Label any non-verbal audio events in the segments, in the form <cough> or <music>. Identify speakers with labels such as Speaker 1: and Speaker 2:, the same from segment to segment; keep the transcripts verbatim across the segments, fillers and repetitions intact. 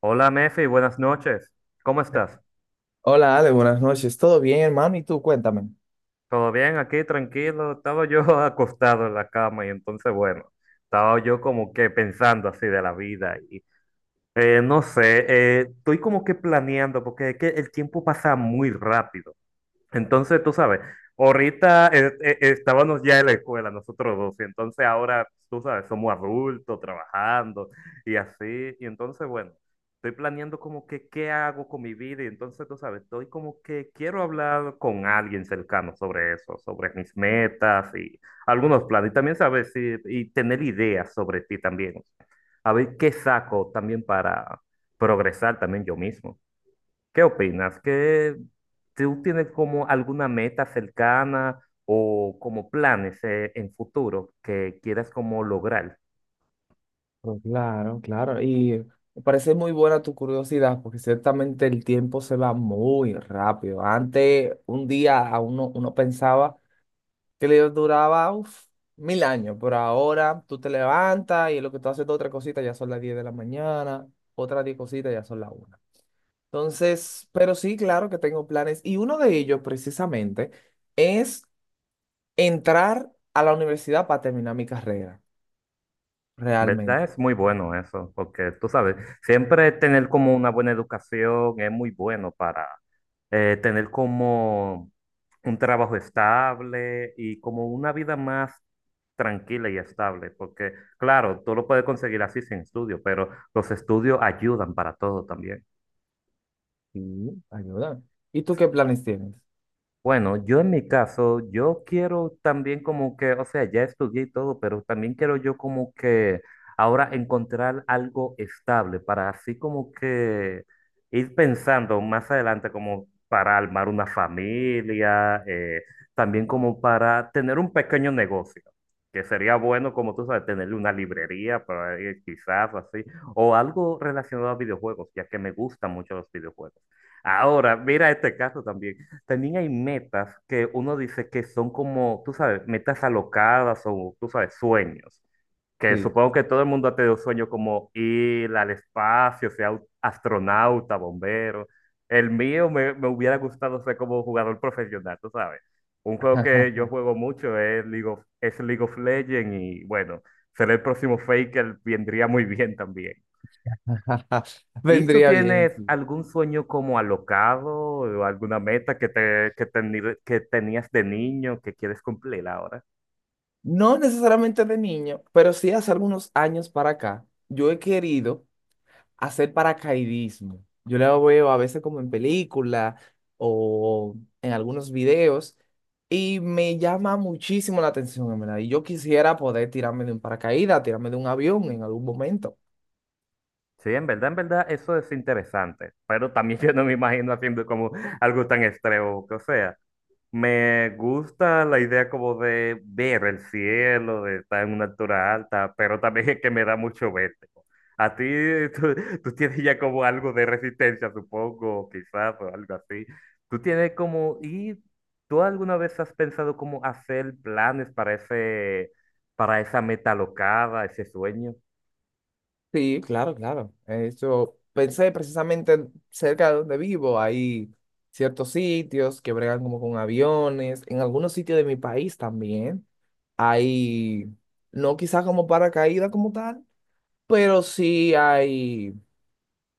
Speaker 1: Hola Mefi, buenas noches. ¿Cómo estás?
Speaker 2: Hola Ale, buenas noches. ¿Todo bien, hermano? ¿Y tú? Cuéntame.
Speaker 1: ¿Todo bien aquí? Tranquilo. Estaba yo <laughs> acostado en la cama y entonces, bueno, estaba yo como que pensando así de la vida y eh, no sé, eh, estoy como que planeando porque es que el tiempo pasa muy rápido. Entonces, tú sabes, ahorita eh, eh, estábamos ya en la escuela, nosotros dos, y entonces ahora, pues, tú sabes, somos adultos, trabajando y así, y entonces, bueno, estoy planeando como que qué hago con mi vida, y entonces, tú sabes, estoy como que quiero hablar con alguien cercano sobre eso, sobre mis metas y algunos planes, y también, sabes, y, y tener ideas sobre ti también, a ver qué saco también para progresar también yo mismo. ¿Qué opinas? ¿Qué tú tienes como alguna meta cercana o como planes eh, en futuro que quieras como lograr?
Speaker 2: Pues claro, claro. Y me parece muy buena tu curiosidad, porque ciertamente el tiempo se va muy rápido. Antes, un día a uno, uno pensaba que le duraba uf, mil años, pero ahora tú te levantas y en lo que tú haces otra cosita ya son las diez de la mañana, otras diez cositas ya son las una. Entonces, pero sí, claro que tengo planes. Y uno de ellos, precisamente, es entrar a la universidad para terminar mi carrera.
Speaker 1: En verdad
Speaker 2: Realmente,
Speaker 1: es muy bueno eso, porque tú sabes, siempre tener como una buena educación es muy bueno para eh, tener como un trabajo estable y como una vida más tranquila y estable, porque claro, tú lo puedes conseguir así sin estudio, pero los estudios ayudan para todo también.
Speaker 2: sí, ayúdame. ¿Y tú qué planes tienes?
Speaker 1: Bueno, yo en mi caso, yo quiero también como que, o sea, ya estudié y todo, pero también quiero yo como que ahora encontrar algo estable para así como que ir pensando más adelante como para armar una familia, eh, también como para tener un pequeño negocio, que sería bueno como tú sabes, tener una librería para ir quizás así, o algo relacionado a videojuegos, ya que me gustan mucho los videojuegos. Ahora, mira este caso también. También hay metas que uno dice que son como, tú sabes, metas alocadas o, tú sabes, sueños. Que
Speaker 2: Sí.
Speaker 1: supongo que todo el mundo ha tenido sueños como ir al espacio, sea au- astronauta, bombero. El mío me, me hubiera gustado ser como jugador profesional, tú sabes. Un juego que yo
Speaker 2: <laughs>
Speaker 1: juego mucho es League of, es League of Legends y bueno, ser el próximo Faker vendría muy bien también. ¿Y tú
Speaker 2: Vendría bien,
Speaker 1: tienes
Speaker 2: sí.
Speaker 1: algún sueño como alocado o alguna meta que, te, que, teni- que tenías de niño que quieres cumplir ahora?
Speaker 2: No necesariamente de niño, pero sí hace algunos años para acá, yo he querido hacer paracaidismo. Yo lo veo a veces como en película o en algunos videos y me llama muchísimo la atención, en verdad. Y yo quisiera poder tirarme de un paracaídas, tirarme de un avión en algún momento.
Speaker 1: Sí, en verdad, en verdad, eso es interesante, pero también <laughs> yo no me imagino haciendo como algo tan extremo, o sea. Me gusta la idea como de ver el cielo, de estar en una altura alta, pero también es que me da mucho vértigo. A ti, <laughs> tú, tú tienes ya como algo de resistencia, supongo, quizás, o algo así. Tú tienes como, ¿y tú alguna vez has pensado cómo hacer planes para ese, para esa meta alocada, ese sueño?
Speaker 2: Sí, claro, claro. Eso pensé precisamente cerca de donde vivo. Hay ciertos sitios que bregan como con aviones. En algunos sitios de mi país también hay, no quizás como paracaídas como tal, pero sí hay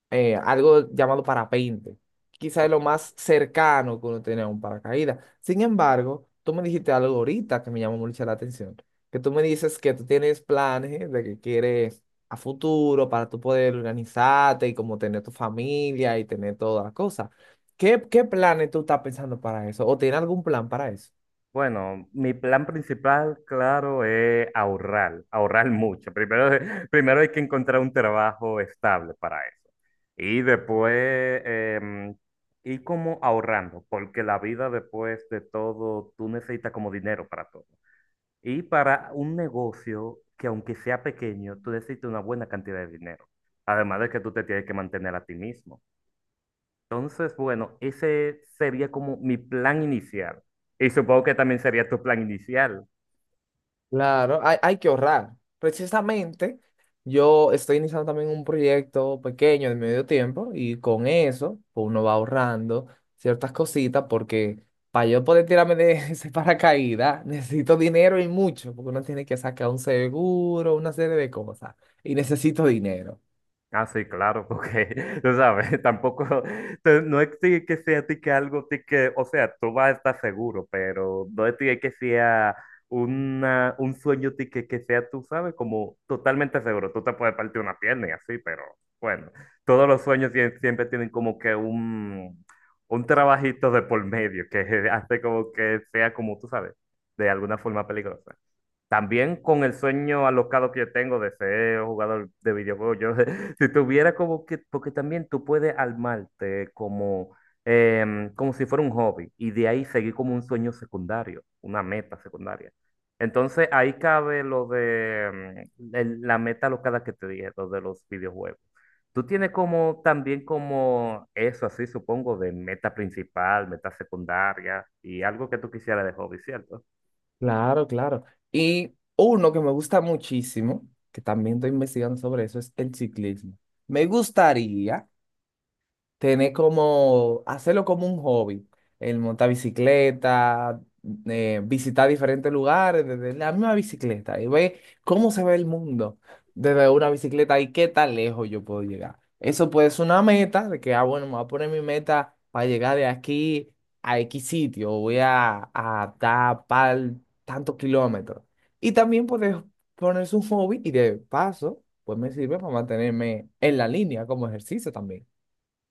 Speaker 2: eh, algo llamado parapente. Quizá es lo más cercano que uno tiene a un paracaídas. Sin embargo, tú me dijiste algo ahorita que me llamó mucho la atención, que tú me dices que tú tienes planes de que quieres a futuro para tú poder organizarte y como tener tu familia y tener todas las cosas. ¿Qué, qué planes tú estás pensando para eso? ¿O tienes algún plan para eso?
Speaker 1: Bueno, mi plan principal, claro, es ahorrar, ahorrar mucho. Primero, <laughs> primero hay que encontrar un trabajo estable para eso. Y después em, ir como ahorrando, porque la vida después de todo, tú necesitas como dinero para todo. Y para un negocio que aunque sea pequeño, tú necesitas una buena cantidad de dinero. Además de que tú te tienes que mantener a ti mismo. Entonces, bueno, ese sería como mi plan inicial. Y supongo que también sería tu plan inicial.
Speaker 2: Claro, hay, hay que ahorrar. Precisamente, yo estoy iniciando también un proyecto pequeño de medio tiempo y con eso pues uno va ahorrando ciertas cositas porque para yo poder tirarme de <laughs> ese paracaídas necesito dinero y mucho porque uno tiene que sacar un seguro, una serie de cosas y necesito dinero.
Speaker 1: Ah, sí, claro, porque <laughs> tú sabes, tampoco, te- no es ti que sea ti que algo, ti que, o sea, tú vas a estar seguro, pero no es ti que sea una, un sueño ti que, que sea, tú sabes, como totalmente seguro. Tú te puedes partir una pierna y así, pero bueno, todos los sueños sie- siempre tienen como que un, un trabajito de por medio que <laughs> hace como que sea como tú sabes, de alguna forma peligrosa. También con el sueño alocado que yo tengo de ser jugador de videojuegos, yo, <laughs> si tuviera como que, porque también tú puedes armarte como, em, como si fuera un hobby y de ahí seguir como un sueño secundario, una meta secundaria. Entonces ahí cabe lo de em, el- la meta alocada que te dije, lo de los videojuegos. Tú tienes como también como eso así, supongo, de meta principal, meta secundaria y algo que tú quisieras de hobby, ¿cierto?
Speaker 2: Claro, claro. Y uno que me gusta muchísimo, que también estoy investigando sobre eso, es el ciclismo. Me gustaría tener como, hacerlo como un hobby, el montar bicicleta, eh, visitar diferentes lugares desde la misma bicicleta y ver cómo se ve el mundo desde una bicicleta y qué tan lejos yo puedo llegar. Eso puede ser una meta de que, ah, bueno, me voy a poner mi meta para llegar de aquí a X sitio, voy a, a tapar tantos kilómetros. Y también puedes ponerse un hobby y de paso, pues me sirve para mantenerme en la línea como ejercicio también.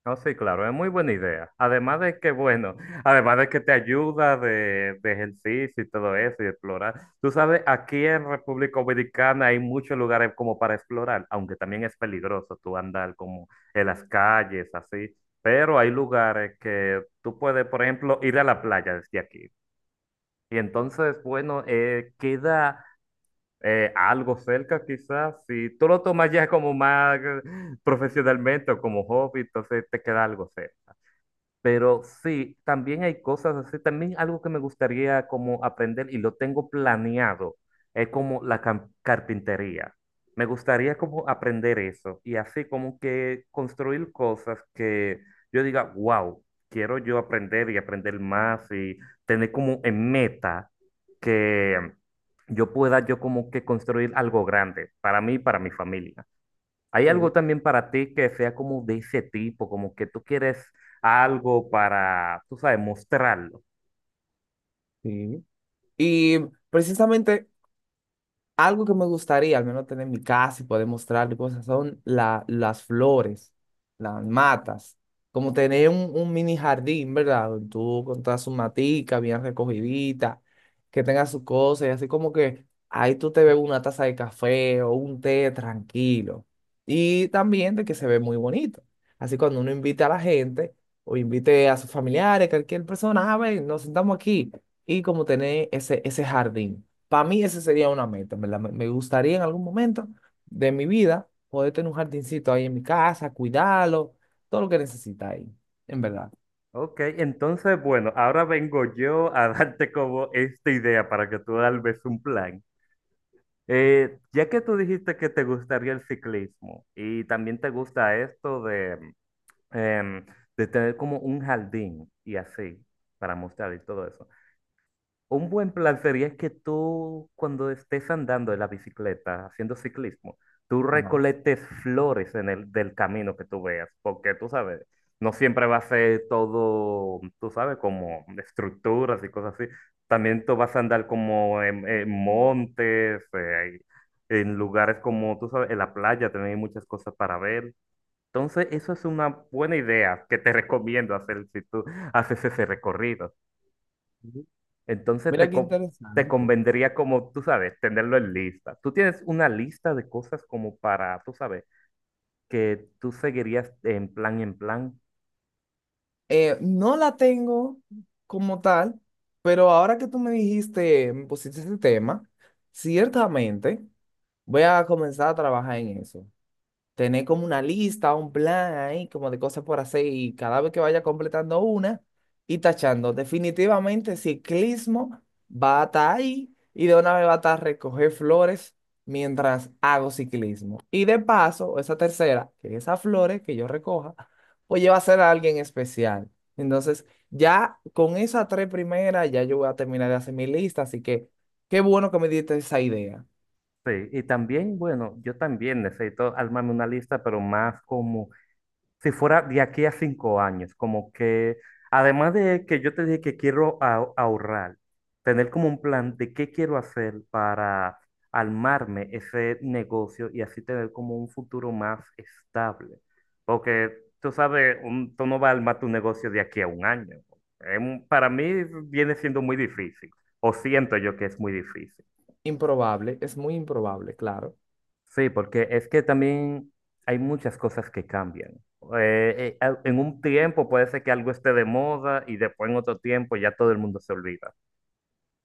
Speaker 1: No, sí, claro, es muy buena idea. Además de que, bueno, <laughs> además de que te ayuda de, de ejercicio y todo eso y explorar. Tú sabes, aquí en República Dominicana hay muchos lugares como para explorar, aunque también es peligroso tú andar como en las calles, así. Pero hay lugares que tú puedes, por ejemplo, ir a la playa desde aquí. Y entonces, bueno, eh, queda eh, algo cerca quizás. Si tú lo tomas ya como más eh, profesionalmente o como hobby, entonces te queda algo cerca. Pero sí, también hay cosas así, también algo que me gustaría como aprender y lo tengo planeado, es como la cam- carpintería. Me gustaría como aprender eso y así como que construir cosas que yo diga, wow, quiero yo aprender y aprender más y tener como en meta que yo pueda yo como que construir algo grande para mí y para mi familia. ¿Hay algo también para ti que sea como de ese tipo, como que tú quieres algo para, tú sabes, mostrarlo?
Speaker 2: Sí. Y precisamente algo que me gustaría al menos tener en mi casa y poder mostrarle cosas son la, las flores, las matas, como tener un, un mini jardín, ¿verdad? Donde tú con todas sus maticas bien recogiditas, que tenga sus cosas y así como que ahí tú te ves una taza de café o un té tranquilo. Y también de que se ve muy bonito. Así cuando uno invita a la gente o invite a sus familiares, cualquier persona, a ver, nos sentamos aquí y como tener ese, ese jardín. Para mí esa sería una meta, ¿verdad? Me me gustaría en algún momento de mi vida poder tener un jardincito ahí en mi casa, cuidarlo, todo lo que necesita ahí, en verdad.
Speaker 1: Ok, entonces, bueno, ahora vengo yo a <laughs> darte como esta idea para que tú tal vez un plan. Eh, ya que tú dijiste que te gustaría el ciclismo y también te gusta esto de, em, de tener como un jardín y así para mostrar y todo eso. Un buen plan sería que tú, cuando estés andando en la bicicleta, haciendo ciclismo, tú
Speaker 2: Ajá.
Speaker 1: recolectes flores en el del camino que tú veas, porque tú sabes, no siempre va a ser todo, tú sabes, como estructuras y cosas así. También tú vas a andar como en, en montes, eh, en lugares como, tú sabes, en la playa también hay muchas cosas para ver. Entonces, eso es una buena idea que te <laughs> recomiendo hacer si tú haces ese recorrido. Entonces
Speaker 2: Mira
Speaker 1: te,
Speaker 2: qué
Speaker 1: co- te
Speaker 2: interesante.
Speaker 1: convendría como, tú sabes, tenerlo en lista. Tú tienes una lista de cosas como para, tú sabes, que tú seguirías en plan, en plan.
Speaker 2: Eh, no la tengo como tal, pero ahora que tú me dijiste, me pusiste ese tema, ciertamente voy a comenzar a trabajar en eso. Tener como una lista, un plan ahí, como de cosas por hacer y cada vez que vaya completando una y tachando, definitivamente ciclismo va a estar ahí y de una vez va a estar recoger flores mientras hago ciclismo. Y de paso, esa tercera, que esas flores que yo recoja, pues va a ser a alguien especial. Entonces, ya con esas tres primeras, ya yo voy a terminar de hacer mi lista, así que qué bueno que me diste esa idea.
Speaker 1: Sí, y también, bueno, yo también necesito armarme una lista, pero más como si fuera de aquí a cinco años, como que, además de que yo te dije que quiero a- ahorrar, tener como un plan de qué quiero hacer para armarme ese negocio y así tener como un futuro más estable. Porque tú sabes, un, tú no vas a armar tu negocio de aquí a un año. Es un- para mí viene siendo muy difícil, o siento yo que es muy difícil.
Speaker 2: Improbable, es muy improbable, claro.
Speaker 1: Sí, porque es que también hay muchas cosas que cambian. Eh, eh, al- en un tiempo puede ser que algo esté de moda y después en otro tiempo ya todo el mundo se olvida.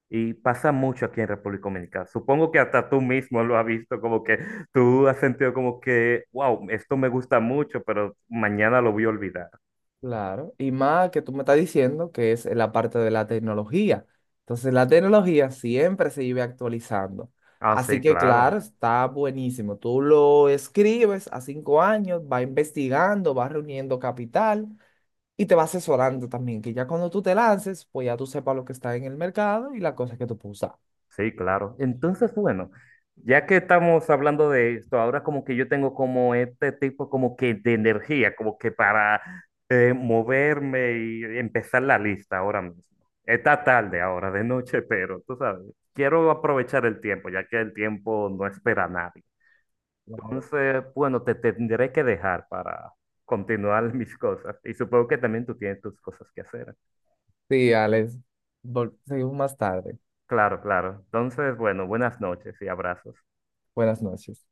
Speaker 1: Y pasa mucho aquí en República Dominicana. Supongo que hasta tú mismo lo has visto, como que tú has sentido como que, wow, esto me gusta mucho, pero mañana lo voy a olvidar.
Speaker 2: Claro, y más que tú me estás diciendo que es la parte de la tecnología. Entonces, la tecnología siempre se vive actualizando.
Speaker 1: Ah,
Speaker 2: Así
Speaker 1: sí,
Speaker 2: que, claro,
Speaker 1: claro.
Speaker 2: está buenísimo. Tú lo escribes a cinco años, va investigando, va reuniendo capital y te va asesorando también, que ya cuando tú te lances, pues ya tú sepas lo que está en el mercado y las cosas que tú puedes usar.
Speaker 1: Sí, claro. Entonces, bueno, ya que estamos hablando de esto, ahora como que yo tengo como este tipo como que de energía, como que para eh, moverme y empezar la lista ahora mismo. Está tarde ahora, de noche, pero tú sabes, quiero aprovechar el tiempo, ya que el tiempo no espera a nadie. Entonces, bueno, te tendré que dejar para continuar <laughs> mis cosas. Y supongo que también tú tienes tus cosas que hacer.
Speaker 2: Sí, Alex, vol- seguimos más tarde.
Speaker 1: Claro, claro. Entonces, bueno, buenas noches y abrazos.
Speaker 2: Buenas noches.